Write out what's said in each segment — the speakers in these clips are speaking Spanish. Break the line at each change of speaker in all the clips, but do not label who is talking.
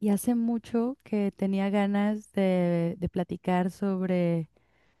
Y hace mucho que tenía ganas de platicar sobre,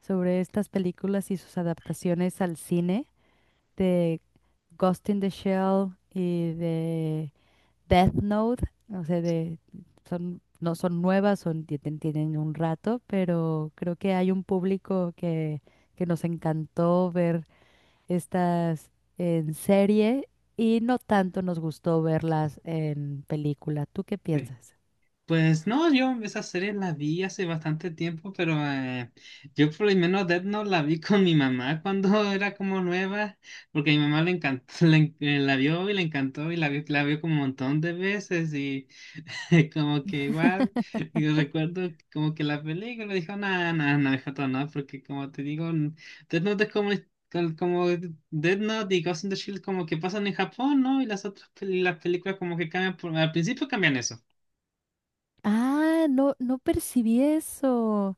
sobre estas películas y sus adaptaciones al cine, de Ghost in the Shell y de Death Note. O sea, no son nuevas, tienen un rato, pero creo que hay un público que nos encantó ver estas en serie y no tanto nos gustó verlas en película. ¿Tú qué
Sí.
piensas?
Pues no, yo esa serie la vi hace bastante tiempo, pero yo por lo menos Death Note la vi con mi mamá cuando era como nueva, porque a mi mamá le encantó, la vio y le encantó y la vio como un montón de veces y como que igual, yo recuerdo como que la película dijo, nada, nada, no, no, hijata, no, porque como te digo, Death Note es como... Como Death Note y Ghost in the Shield como que pasan en Japón, ¿no? Y las otras pel- las películas como que cambian al principio cambian eso.
Ah, no, no percibí eso.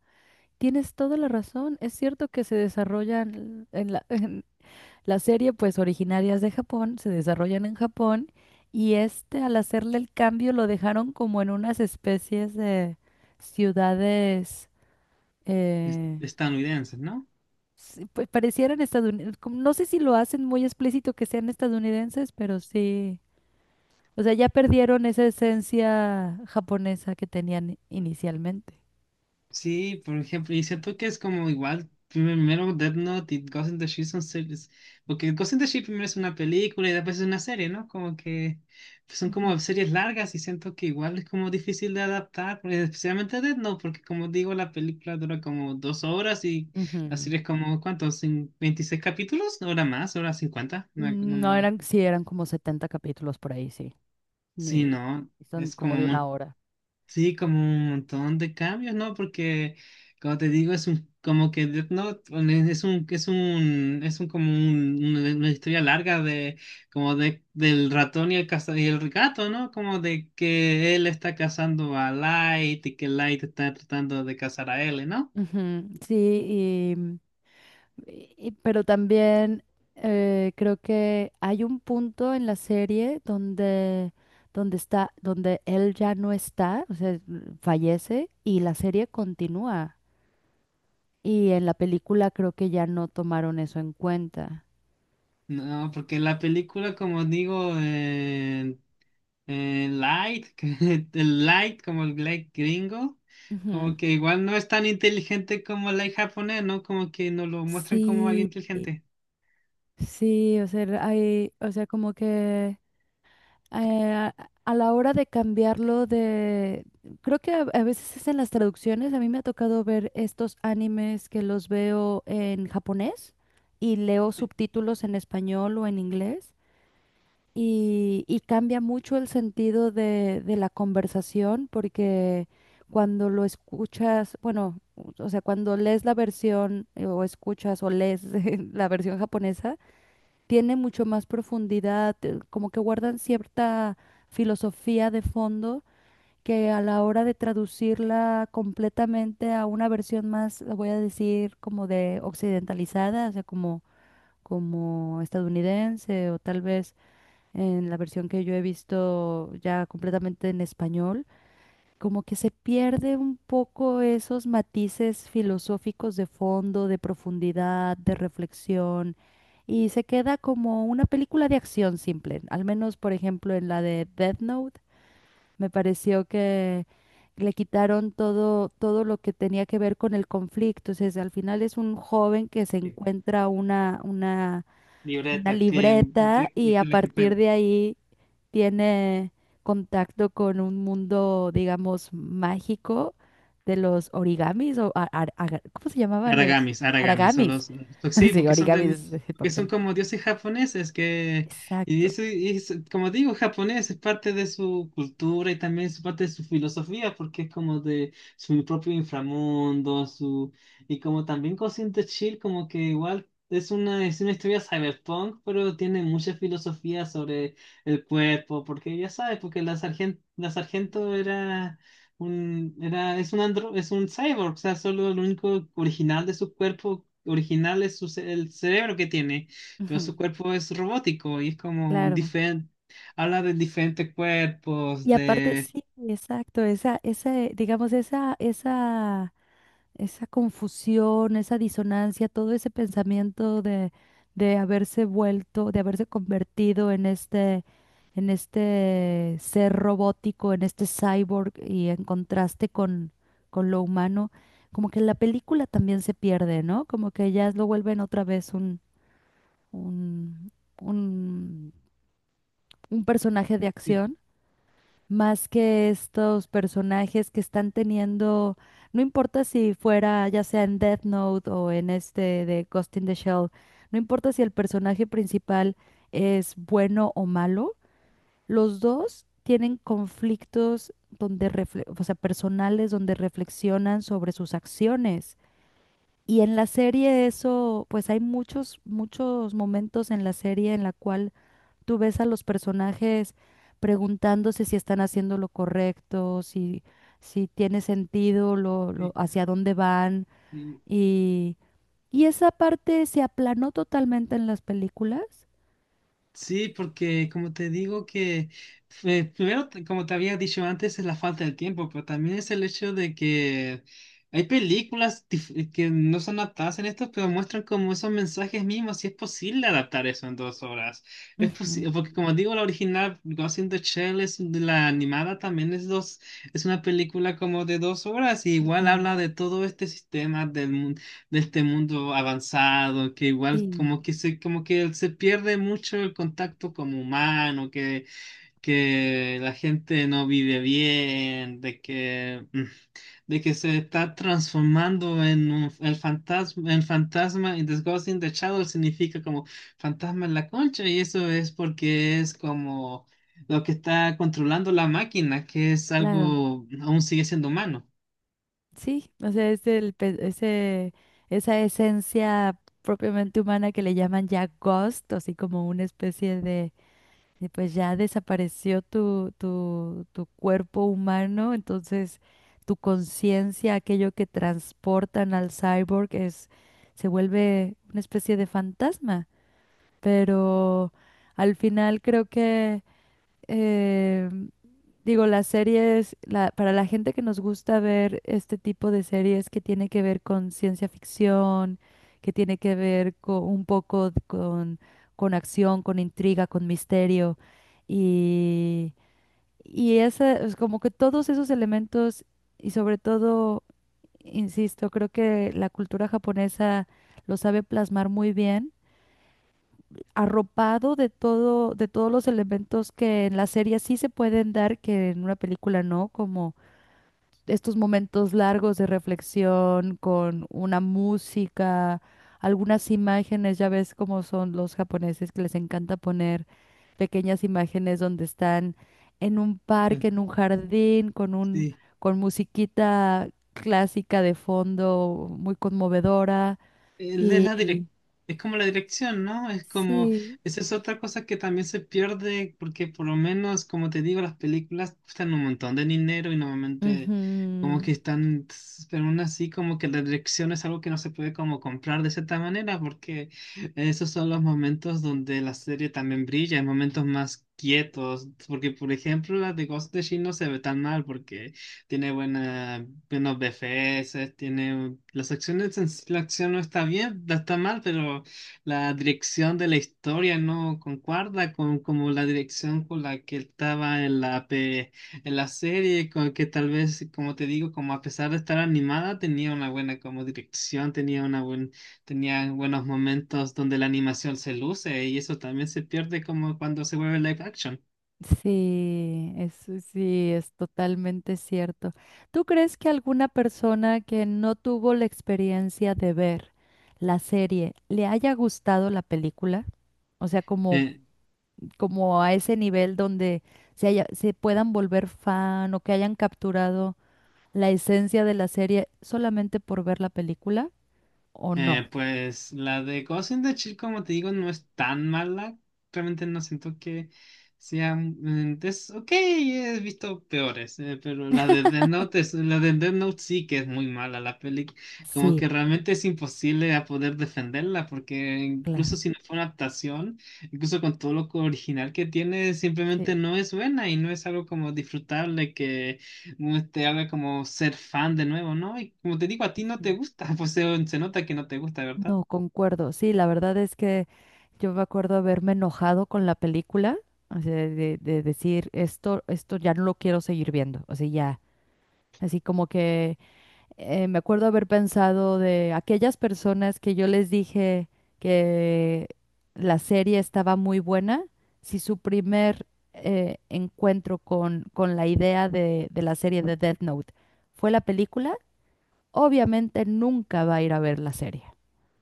Tienes toda la razón. Es cierto que se desarrollan en la, en la serie, pues originarias de Japón, se desarrollan en Japón y este al hacerle el cambio lo dejaron como en unas especies de ciudades, eh,
Estadounidenses, ¿no?
sí, pues parecieran estadounidenses. No sé si lo hacen muy explícito que sean estadounidenses, pero sí. O sea, ya perdieron esa esencia japonesa que tenían inicialmente.
Sí, por ejemplo, y siento que es como igual, primero Death Note y Ghost in the Shell son series, porque Ghost in the Shell primero es una película y después es una serie, ¿no? Como que pues, son
Ujú,
como series largas y siento que igual es como difícil de adaptar, porque especialmente Death Note, porque como digo, la película dura como dos horas y la
ujú.
serie es como, ¿cuántos? ¿26 capítulos? ¿Hora más? ¿Hora 50?
No eran, sí, eran como 70 capítulos por ahí, sí.
Sí,
Ni-
no,
y son
es
como
como.
de una hora.
Sí, como un montón de cambios, ¿no? Porque, como te digo, como que es un, una historia larga de, como de, del ratón y el, y el gato, ¿no? Como de que él está cazando a Light y que Light está tratando de cazar a él, ¿no?
Ujú, sí, y, pero también creo que hay un punto en la serie donde él ya no está, o sea, fallece y la serie continúa. Y en la película creo que ya no tomaron eso en cuenta.
No, porque la película, como digo, Light, el Light, como el Light gringo, como
Ujú.
que igual no es tan inteligente como el Light japonés, ¿no? Como que nos lo muestran como
Sí,
alguien inteligente.
sí, o sea, o sea, como que eh, a la hora de cambiarlo de... Creo que a veces es en las traducciones. A mí me ha tocado ver estos animes que los veo en japonés y leo subtítulos en español o en inglés. Y cambia mucho el sentido de la conversación porque cuando lo escuchas, bueno, o sea, cuando lees la versión o escuchas o lees la versión japonesa, tiene mucho más profundidad, como que guardan cierta filosofía de fondo que a la hora de traducirla completamente a una versión más, lo voy a decir, como de occidentalizada, o sea, como, como estadounidense o tal vez en la versión que yo he visto ya completamente en español como que se pierde un poco esos matices filosóficos de fondo, de profundidad, de reflexión, y se queda como una película de acción simple. Al menos, por ejemplo, en la de Death Note, me pareció que le quitaron todo, todo lo que tenía que ver con el conflicto. O al final es un joven que se
Sí.
encuentra una
Libreta, que,
libreta y a
que la que
partir
fue.
de ahí tiene contacto con un mundo, digamos, mágico de los origamis o ¿cómo se llamaban los?
Aragamis, Aragamis, son
Aragamis.
los, sí,
Sí,
porque son
origamis
de,
es el
que son
papel.
como dioses japoneses que. Y
Exacto.
eso y como digo, japonés es parte de su cultura y también es parte de su filosofía porque es como de su propio inframundo, su. Y como también Ghost de Chill como que igual es una historia cyberpunk, pero tiene mucha filosofía sobre el cuerpo, porque ya sabes, porque la sargento era es un andro, es un cyborg, o sea, solo lo único original de su cuerpo original es su el cerebro que tiene, pero
Ujú,
su cuerpo es robótico y es como un
claro.
diferente, habla de diferentes cuerpos,
Y aparte,
de.
sí, exacto, digamos, esa confusión, esa disonancia, todo ese pensamiento de haberse vuelto, de haberse convertido en este ser robótico, en este cyborg y en contraste con lo humano, como que la película también se pierde, ¿no? Como que ya lo vuelven otra vez un, un, un personaje de acción más que estos personajes que están teniendo, no importa si fuera ya sea en Death Note o en este de Ghost in the Shell, no importa si el personaje principal es bueno o malo, los dos tienen conflictos donde o sea, personales donde reflexionan sobre sus acciones. Y en la serie eso, pues hay muchos, muchos momentos en la serie en la cual tú ves a los personajes preguntándose si están haciendo lo correcto, si, si tiene sentido hacia dónde van. Y, y esa parte se aplanó totalmente en las películas.
Sí, porque como te digo que primero, como te había dicho antes, es la falta de tiempo, pero también es el hecho de que hay películas que no son adaptadas en esto, pero muestran como esos mensajes mismos, si es posible adaptar eso en dos horas. Es
Ujú,
posible, porque como digo, la original Ghost in the Shell es de la animada, también es dos, es una película como de dos horas y igual
ujú.
habla de todo este sistema del mundo, de este mundo avanzado, que igual
Sí,
como que se pierde mucho el contacto como humano, que la gente no vive bien, de que, de que se está transformando en el fantasma, en fantasma, y The Ghost in the Shadow significa como fantasma en la concha, y eso es porque es como lo que está controlando la máquina, que es
claro.
algo, aún sigue siendo humano.
Sí, o sea, es esa esencia propiamente humana que le llaman ya ghost, así como una especie de. Y pues ya desapareció tu cuerpo humano, entonces tu conciencia, aquello que transportan al cyborg, es, se vuelve una especie de fantasma. Pero al final creo que eh, digo, las series, para la gente que nos gusta ver este tipo de series que tiene que ver con ciencia ficción, que tiene que ver con, un poco con acción, con intriga, con misterio, y, y esa, es como que todos esos elementos, y sobre todo, insisto, creo que la cultura japonesa lo sabe plasmar muy bien arropado de todo, de todos los elementos que en la serie sí se pueden dar, que en una película no, como estos momentos largos de reflexión con una música, algunas imágenes, ya ves cómo son los japoneses que les encanta poner pequeñas imágenes donde están en un
Mm.
parque, en un jardín,
Sí.
con musiquita clásica de fondo, muy conmovedora
Él Es la direc-
y
Es como la dirección, ¿no? Es como,
sí.
esa es otra cosa que también se pierde, porque por lo menos, como te digo, las películas cuestan un montón de dinero y normalmente como que
Ujú.
están, pero aún así como que la dirección es algo que no se puede como comprar de cierta manera, porque esos son los momentos donde la serie también brilla, en momentos más quietos, porque por ejemplo las de Ghost de Shin no se ve tan mal, porque tiene buena, buenos BFS, tiene las acciones, la acción no está bien, no está mal, pero la dirección de la historia no concuerda con como la dirección con la que estaba en en la serie, con que tal vez, como te digo, como a pesar de estar animada, tenía una buena como dirección, tenía una buen, tenía buenos momentos donde la animación se luce y eso también se pierde como cuando se vuelve live action.
Sí, eso sí, es totalmente cierto. ¿Tú crees que alguna persona que no tuvo la experiencia de ver la serie le haya gustado la película? O sea, como,
Eh,
como a ese nivel donde se puedan volver fan o que hayan capturado la esencia de la serie solamente por ver la película, ¿o no?
Pues la de Ghost in the Shell, como te digo, no es tan mala. Realmente no siento que sea. Es ok, he visto peores, pero la de Death Note, la de Death Note sí que es muy mala la peli. Como
Sí,
que realmente es imposible a poder defenderla, porque
claro.
incluso si no fue una adaptación, incluso con todo lo original que tiene, simplemente no es buena y no es algo como disfrutable que no te haga como ser fan de nuevo, ¿no? Y como te digo, a ti no te
Sí.
gusta, pues se nota que no te gusta, ¿verdad?
No, concuerdo. Sí, la verdad es que yo me acuerdo haberme enojado con la película, o sea, de decir, esto ya no lo quiero seguir viendo, o sea, ya. Así como que me acuerdo haber pensado de aquellas personas que yo les dije que la serie estaba muy buena, si su primer encuentro con la idea de la serie de Death Note fue la película, obviamente nunca va a ir a ver la serie.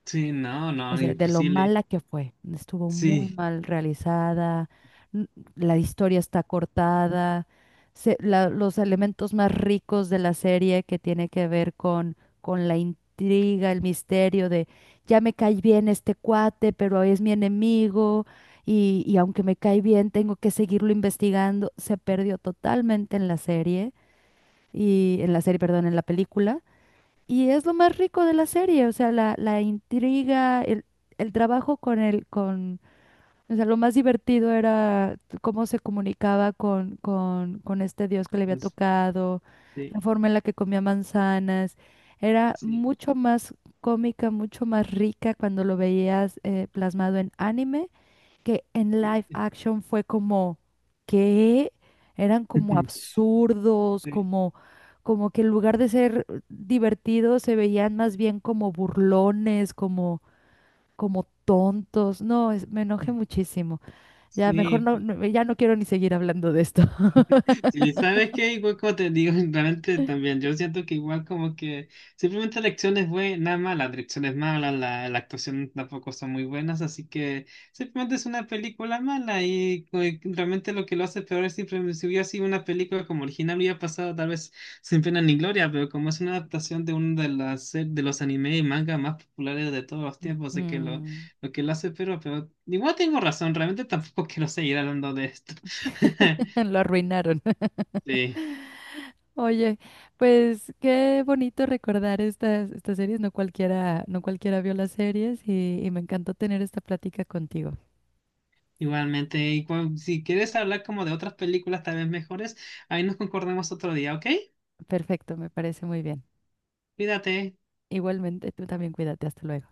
Sí, no,
O
no,
sea, de lo
imposible.
mala que fue. Estuvo muy
Sí,
mal realizada, n- la historia está cortada, los elementos más ricos de la serie que tiene que ver con la intriga, el misterio de ya me cae bien este cuate, pero es mi enemigo y aunque me cae bien tengo que seguirlo investigando. Se perdió totalmente en la serie y en la serie, perdón, en la película. Y es lo más rico de la serie, o sea, la intriga, el trabajo o sea, lo más divertido era cómo se comunicaba con este dios que le había
pues,
tocado,
sí,
la forma en la que comía manzanas, era
sí,
mucho más cómica, mucho más rica cuando lo veías plasmado en anime que en live
sí,
action fue como que eran como absurdos, como, que en lugar de ser divertidos se veían más bien como burlones, como, como tontos. No, me enojé muchísimo. Ya mejor
sí,
no,
sí.
ya no quiero ni seguir hablando de esto.
Sí, ¿sabes qué? Igual como te digo, realmente también, yo siento que igual como que simplemente la acción es buena, mala, la dirección es mala, la actuación tampoco son muy buenas, así que simplemente es una película mala y y realmente lo que lo hace peor es simplemente si hubiera sido una película como original hubiera pasado tal vez sin pena ni gloria, pero como es una adaptación de uno de de los anime y manga más populares de todos los tiempos, así que
Mm.
lo que lo hace peor, pero igual tengo razón, realmente tampoco quiero seguir hablando de esto.
Lo arruinaron.
Sí.
Oye, pues qué bonito recordar estas series. No cualquiera, no cualquiera vio las series y me encantó tener esta plática contigo.
Igualmente, y si quieres hablar como de otras películas tal vez mejores, ahí nos concordemos otro día, ¿ok?
Perfecto, me parece muy bien.
Cuídate.
Igualmente, tú también cuídate. Hasta luego.